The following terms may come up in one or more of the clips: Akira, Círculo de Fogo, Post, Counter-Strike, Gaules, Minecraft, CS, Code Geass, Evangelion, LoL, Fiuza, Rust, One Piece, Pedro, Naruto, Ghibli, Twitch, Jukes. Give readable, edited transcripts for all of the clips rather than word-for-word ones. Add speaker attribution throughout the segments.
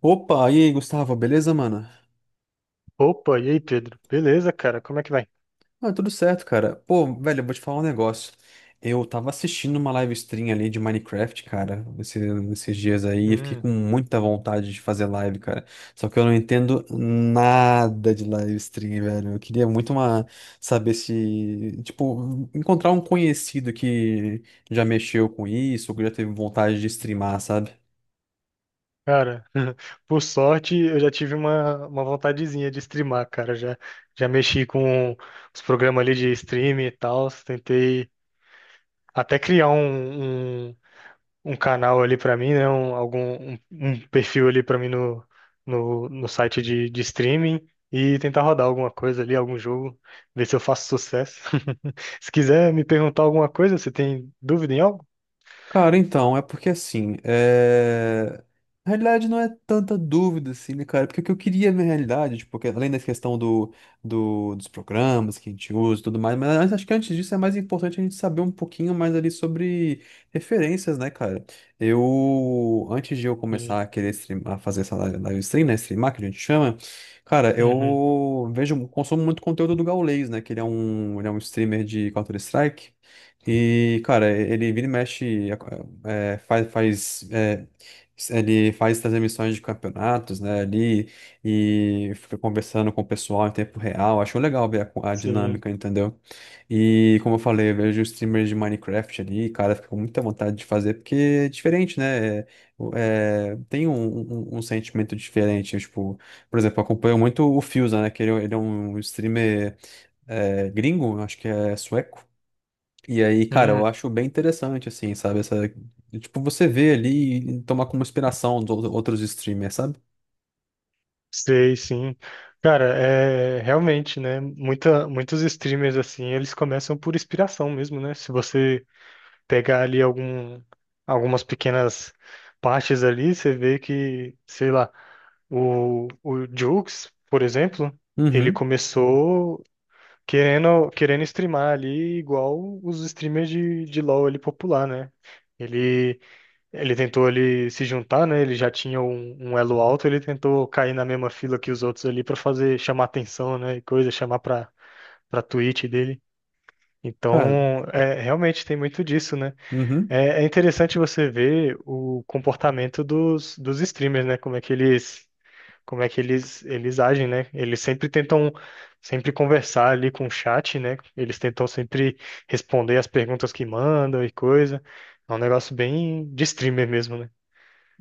Speaker 1: Opa, e aí, Gustavo, beleza, mano?
Speaker 2: Opa, e aí, Pedro? Beleza, cara? Como é que vai?
Speaker 1: Ah, tudo certo, cara. Pô, velho, eu vou te falar um negócio. Eu tava assistindo uma live stream ali de Minecraft, cara, esses dias aí, e fiquei
Speaker 2: Hum,
Speaker 1: com muita vontade de fazer live, cara. Só que eu não entendo nada de live stream, velho. Eu queria muito saber se, tipo, encontrar um conhecido que já mexeu com isso, ou que já teve vontade de streamar, sabe?
Speaker 2: cara, por sorte eu já tive uma vontadezinha de streamar, cara. Já, já mexi com os programas ali de streaming e tal. Tentei até criar um canal ali pra mim, né? Um perfil ali pra mim no site de streaming e tentar rodar alguma coisa ali, algum jogo, ver se eu faço sucesso. Se quiser me perguntar alguma coisa, você tem dúvida em algo?
Speaker 1: Cara, então, é porque assim, na realidade não é tanta dúvida assim, né, cara? Porque o que eu queria na realidade, tipo, além da questão do, dos programas que a gente usa e tudo mais, mas acho que antes disso é mais importante a gente saber um pouquinho mais ali sobre referências, né, cara? Eu, antes de eu
Speaker 2: Sim.
Speaker 1: começar a querer streamar, a fazer essa live stream, né, streamar, que a gente chama, cara,
Speaker 2: Uhum.
Speaker 1: eu vejo, consumo muito conteúdo do Gaules, né, que ele é um streamer de Counter-Strike. E, cara, ele vira e mexe, faz, ele faz essas emissões de campeonatos, né, ali, e fica conversando com o pessoal em tempo real. Acho legal ver a
Speaker 2: Sim.
Speaker 1: dinâmica, entendeu? E, como eu falei, eu vejo streamers de Minecraft ali, cara, fico com muita vontade de fazer, porque é diferente, né? Tem um, um sentimento diferente, tipo, por exemplo, eu acompanho muito o Fiuza, né, que ele é um streamer gringo, acho que é sueco. E aí, cara, eu
Speaker 2: Hum,
Speaker 1: acho bem interessante, assim, sabe? Essa, tipo, você vê ali e tomar como inspiração dos outros streamers, sabe?
Speaker 2: sei, sim. Cara, é realmente, né? Muita, muitos streamers assim, eles começam por inspiração mesmo, né? Se você pegar ali algum, algumas pequenas partes ali, você vê que, sei lá, o Jukes, por exemplo, ele
Speaker 1: Uhum,
Speaker 2: começou querendo streamar ali igual os streamers de LoL ali popular, né? Ele, ele tentou ali se juntar, né? Ele já tinha um elo alto, ele tentou cair na mesma fila que os outros ali para fazer chamar atenção, né? E coisa, chamar para Twitch dele.
Speaker 1: cara.
Speaker 2: Então, é, realmente tem muito disso, né?
Speaker 1: Uhum.
Speaker 2: É, é interessante você ver o comportamento dos streamers, né? Como é que eles, como é que eles agem, né? Eles sempre tentam sempre conversar ali com o chat, né? Eles tentam sempre responder as perguntas que mandam e coisa. É um negócio bem de streamer mesmo, né?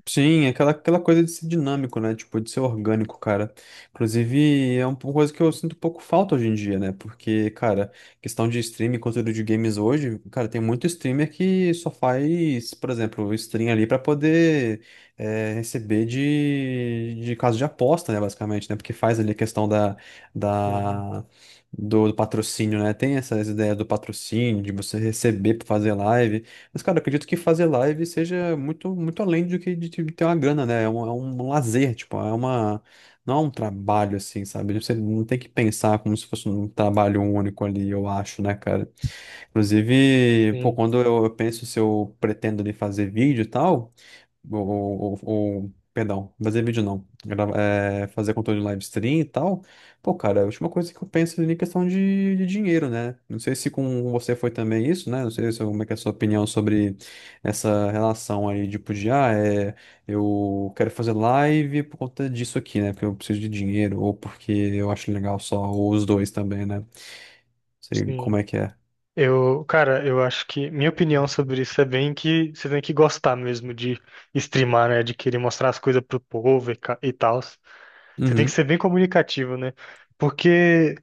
Speaker 1: Sim, é aquela coisa de ser dinâmico, né? Tipo, de ser orgânico, cara. Inclusive, é uma coisa que eu sinto um pouco falta hoje em dia, né? Porque, cara, questão de streaming, conteúdo de games hoje, cara, tem muito streamer que só faz, por exemplo, stream ali pra poder receber de caso de aposta, né? Basicamente, né? Porque faz ali a questão
Speaker 2: Sim,
Speaker 1: da, do patrocínio, né? Tem essas ideias do patrocínio, de você receber pra fazer live. Mas, cara, acredito que fazer live seja muito, muito além do que de ter uma grana, né? É um lazer, tipo, é uma. Não é um trabalho, assim, sabe? Você não tem que pensar como se fosse um trabalho único ali, eu acho, né, cara? Inclusive, pô,
Speaker 2: sim,
Speaker 1: quando eu penso se eu pretendo ali fazer vídeo e tal. Perdão, fazer vídeo não. Fazer conteúdo em live stream e tal. Pô, cara, a última coisa que eu penso ali é questão de dinheiro, né? Não sei se com você foi também isso, né? Não sei se, como é que é a sua opinião sobre essa relação aí, tipo, de, eu quero fazer live por conta disso aqui, né? Porque eu preciso de dinheiro, ou porque eu acho legal só, ou os dois também, né? Não sei
Speaker 2: sim.
Speaker 1: como é que é.
Speaker 2: Eu, cara, eu acho que minha opinião sobre isso é bem que você tem que gostar mesmo de streamar, né? De querer mostrar as coisas pro povo e, e tal. Você tem que
Speaker 1: Uhum.
Speaker 2: ser bem comunicativo, né? Porque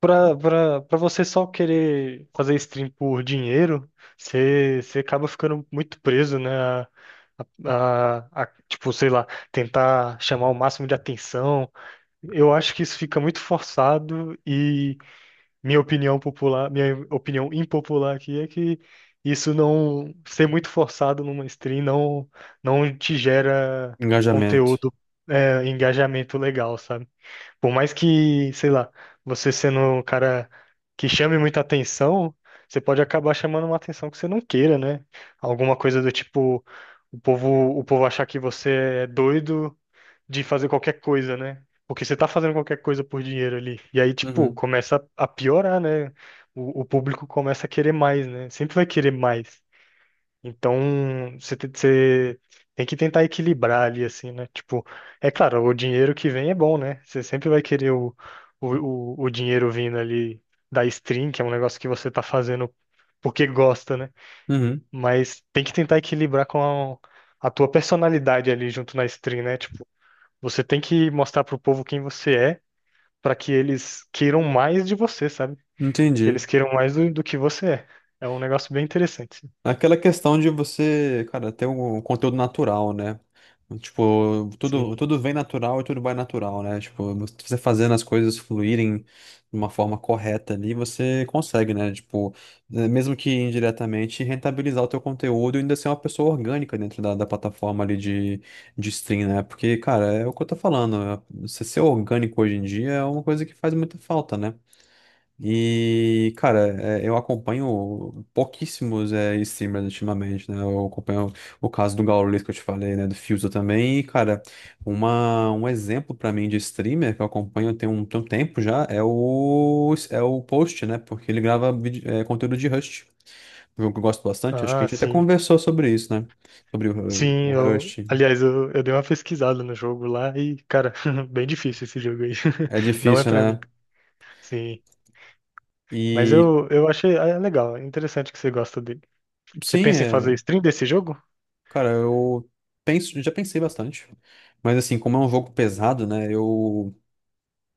Speaker 2: para você só querer fazer stream por dinheiro, você acaba ficando muito preso, né? A, tipo, sei lá, tentar chamar o máximo de atenção. Eu acho que isso fica muito forçado e minha opinião popular, minha opinião impopular aqui é que isso não ser muito forçado numa stream não te gera
Speaker 1: Engajamento.
Speaker 2: conteúdo, é, engajamento legal, sabe? Por mais que, sei lá, você sendo um cara que chame muita atenção, você pode acabar chamando uma atenção que você não queira, né? Alguma coisa do tipo, o povo achar que você é doido de fazer qualquer coisa, né? Porque você tá fazendo qualquer coisa por dinheiro ali. E aí, tipo,
Speaker 1: Uhum.
Speaker 2: começa a piorar, né? O público começa a querer mais, né? Sempre vai querer mais. Então, você tem que tentar equilibrar ali, assim, né? Tipo, é claro, o dinheiro que vem é bom, né? Você sempre vai querer o, o dinheiro vindo ali da stream, que é um negócio que você tá fazendo porque gosta, né?
Speaker 1: Uhum.
Speaker 2: Mas tem que tentar equilibrar com a tua personalidade ali junto na stream, né? Tipo, você tem que mostrar pro povo quem você é, pra que eles queiram mais de você, sabe? Que
Speaker 1: Entendi.
Speaker 2: eles queiram mais do que você é. É um negócio bem interessante.
Speaker 1: Aquela questão de você, cara, ter um conteúdo natural, né? Tipo, tudo,
Speaker 2: Sim.
Speaker 1: tudo vem natural e tudo vai natural, né? Tipo, você fazendo as coisas fluírem de uma forma correta ali, você consegue, né? Tipo, mesmo que indiretamente, rentabilizar o teu conteúdo e ainda ser uma pessoa orgânica dentro da plataforma ali de stream, né? Porque, cara, é o que eu tô falando. Você ser orgânico hoje em dia é uma coisa que faz muita falta, né? E, cara, eu acompanho pouquíssimos streamers ultimamente, né? Eu acompanho o caso do Gaules que eu te falei, né? Do Fuso também. E, cara, um exemplo pra mim de streamer que eu acompanho tem um tempo já é o Post, né? Porque ele grava conteúdo de Rust. Um jogo que eu gosto bastante. Acho que a
Speaker 2: Ah,
Speaker 1: gente até
Speaker 2: sim.
Speaker 1: conversou sobre isso, né? Sobre o,
Speaker 2: Sim,
Speaker 1: o
Speaker 2: eu,
Speaker 1: Rust.
Speaker 2: aliás, eu dei uma pesquisada no jogo lá e, cara, bem difícil esse jogo aí.
Speaker 1: É
Speaker 2: Não é
Speaker 1: difícil,
Speaker 2: pra mim.
Speaker 1: né?
Speaker 2: Sim, mas
Speaker 1: E
Speaker 2: eu achei ah, é legal, é interessante que você gosta dele. Você
Speaker 1: sim,
Speaker 2: pensa em fazer
Speaker 1: é.
Speaker 2: stream desse jogo?
Speaker 1: Cara, eu penso, já pensei bastante. Mas assim, como é um jogo
Speaker 2: Uhum.
Speaker 1: pesado, né? Eu,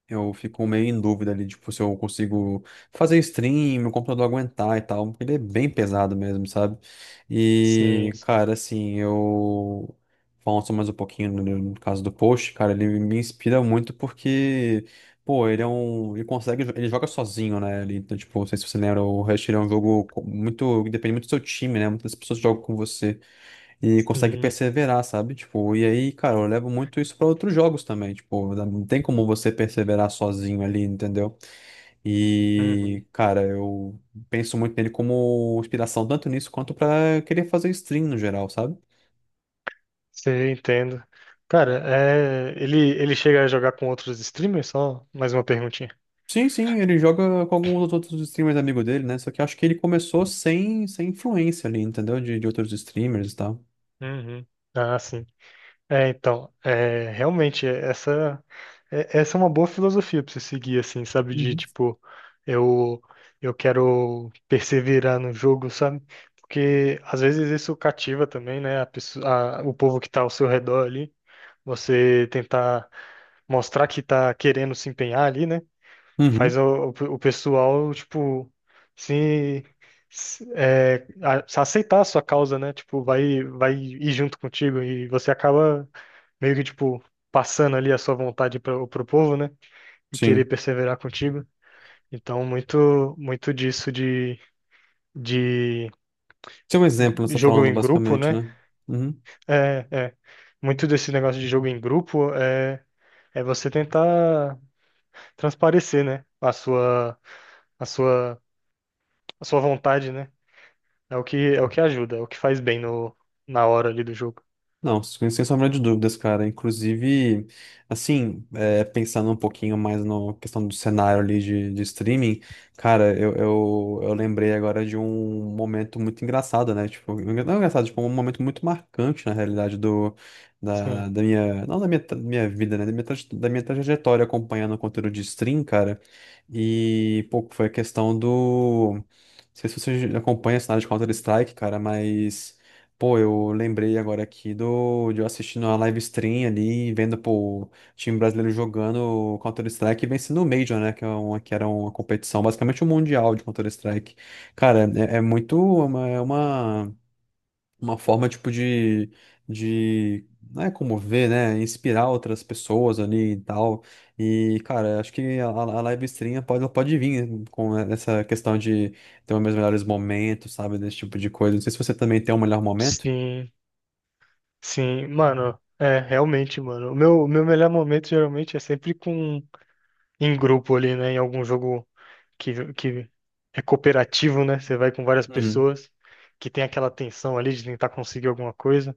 Speaker 1: eu fico meio em dúvida ali, tipo, se eu consigo fazer stream, meu computador aguentar e tal. Porque ele é bem pesado mesmo, sabe?
Speaker 2: Sim,
Speaker 1: E, cara, assim, eu falando só mais um pouquinho no caso do Post, cara, ele me inspira muito porque, pô, ele é um. Ele consegue, ele joga sozinho, né? Ele, então, tipo, não sei se você lembra, o Rush ele é um jogo muito que depende muito do seu time, né? Muitas pessoas jogam com você e consegue
Speaker 2: sim.
Speaker 1: perseverar, sabe? Tipo, e aí, cara, eu levo muito isso para outros jogos também, tipo, não tem como você perseverar sozinho ali, entendeu?
Speaker 2: Uhum.
Speaker 1: E, cara, eu penso muito nele como inspiração, tanto nisso quanto para querer fazer stream no geral, sabe?
Speaker 2: Você entendo. Cara, é, ele chega a jogar com outros streamers? Só mais uma perguntinha.
Speaker 1: Sim, sim, ele joga com alguns dos outros streamers amigos dele, né? Só que eu acho que ele começou sem influência ali, entendeu? De outros streamers e tal.
Speaker 2: Uhum. Ah, sim. É, então, é, realmente, essa é uma boa filosofia pra você seguir, assim, sabe? De,
Speaker 1: Uhum.
Speaker 2: tipo, eu, eu quero perseverar no jogo, sabe? Porque, às vezes, isso cativa também, né? A pessoa, o povo que tá ao seu redor ali. Você tentar mostrar que tá querendo se empenhar ali, né? Faz
Speaker 1: Uhum,
Speaker 2: o pessoal, tipo, se... se aceitar a sua causa, né? Tipo, vai, vai ir junto contigo e você acaba meio que, tipo, passando ali a sua vontade para o povo, né? E querer
Speaker 1: sim.
Speaker 2: perseverar contigo. Então, muito disso de
Speaker 1: Tem um exemplo, você tá
Speaker 2: jogo
Speaker 1: falando,
Speaker 2: em grupo,
Speaker 1: basicamente,
Speaker 2: né?
Speaker 1: né? Uhum.
Speaker 2: É, é. Muito desse negócio de jogo em grupo é, é você tentar transparecer, né? A sua, a sua vontade, né? É o que ajuda, é o que faz bem no, na hora ali do jogo.
Speaker 1: Não, sem sombra de dúvidas, cara. Inclusive, assim, pensando um pouquinho mais na questão do cenário ali de streaming, cara, eu lembrei agora de um momento muito engraçado, né? Tipo, não é engraçado, tipo, é um momento muito marcante, na realidade, do,
Speaker 2: Sim,
Speaker 1: da, da minha, não da minha, da minha vida, né? Da minha trajetória acompanhando o conteúdo de stream, cara. E, pô, foi a questão do. Não sei se você acompanha a cenário de Counter-Strike, cara, mas. Pô, eu lembrei agora aqui de eu assistindo a live stream ali, vendo pô, o time brasileiro jogando Counter-Strike e vencendo o Major, né? Que era uma competição, basicamente um mundial de Counter-Strike. Cara, é muito uma forma, tipo, de, não é como ver né? Inspirar outras pessoas ali e tal. E, cara, acho que a live stream pode, ela pode vir com essa questão de ter os meus melhores momentos, sabe? Desse tipo de coisa. Não sei se você também tem um melhor momento.
Speaker 2: sim, sim, mano. É, realmente, mano. O meu melhor momento geralmente é sempre com em grupo ali, né? Em algum jogo que é cooperativo, né? Você vai com várias
Speaker 1: Uhum.
Speaker 2: pessoas que tem aquela tensão ali de tentar conseguir alguma coisa.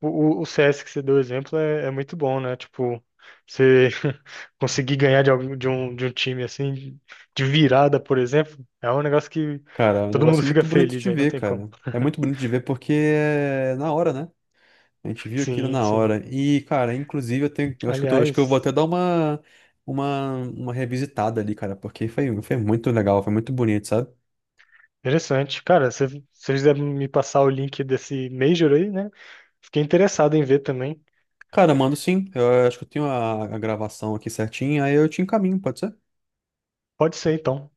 Speaker 2: O, o CS que você deu exemplo é, é muito bom, né? Tipo, você conseguir ganhar de, algum, de um time assim, de virada, por exemplo, é um negócio que
Speaker 1: Cara, é um
Speaker 2: todo mundo
Speaker 1: negócio
Speaker 2: fica
Speaker 1: muito bonito
Speaker 2: feliz
Speaker 1: de
Speaker 2: aí, não
Speaker 1: ver,
Speaker 2: tem como.
Speaker 1: cara. É muito bonito de ver porque é na hora, né? A gente viu aquilo
Speaker 2: Sim,
Speaker 1: na
Speaker 2: sim.
Speaker 1: hora. E, cara, inclusive eu acho que acho que eu vou até
Speaker 2: Aliás.
Speaker 1: dar uma uma revisitada ali, cara, porque foi muito legal, foi muito bonito, sabe?
Speaker 2: Interessante, cara. Se você quiser me passar o link desse Major aí, né? Fiquei interessado em ver também.
Speaker 1: Cara, mando sim. Eu acho que eu tenho a gravação aqui certinha, aí eu te encaminho, pode ser?
Speaker 2: Pode ser, então.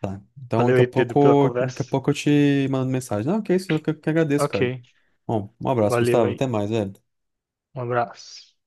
Speaker 1: Tá. Então,
Speaker 2: Valeu
Speaker 1: daqui a
Speaker 2: aí, Pedro, pela
Speaker 1: pouco, daqui
Speaker 2: conversa.
Speaker 1: a pouco eu te mando mensagem. Não, que isso, eu que agradeço, cara.
Speaker 2: Ok,
Speaker 1: Bom, um abraço,
Speaker 2: valeu
Speaker 1: Gustavo.
Speaker 2: aí.
Speaker 1: Até mais, velho.
Speaker 2: Um abraço.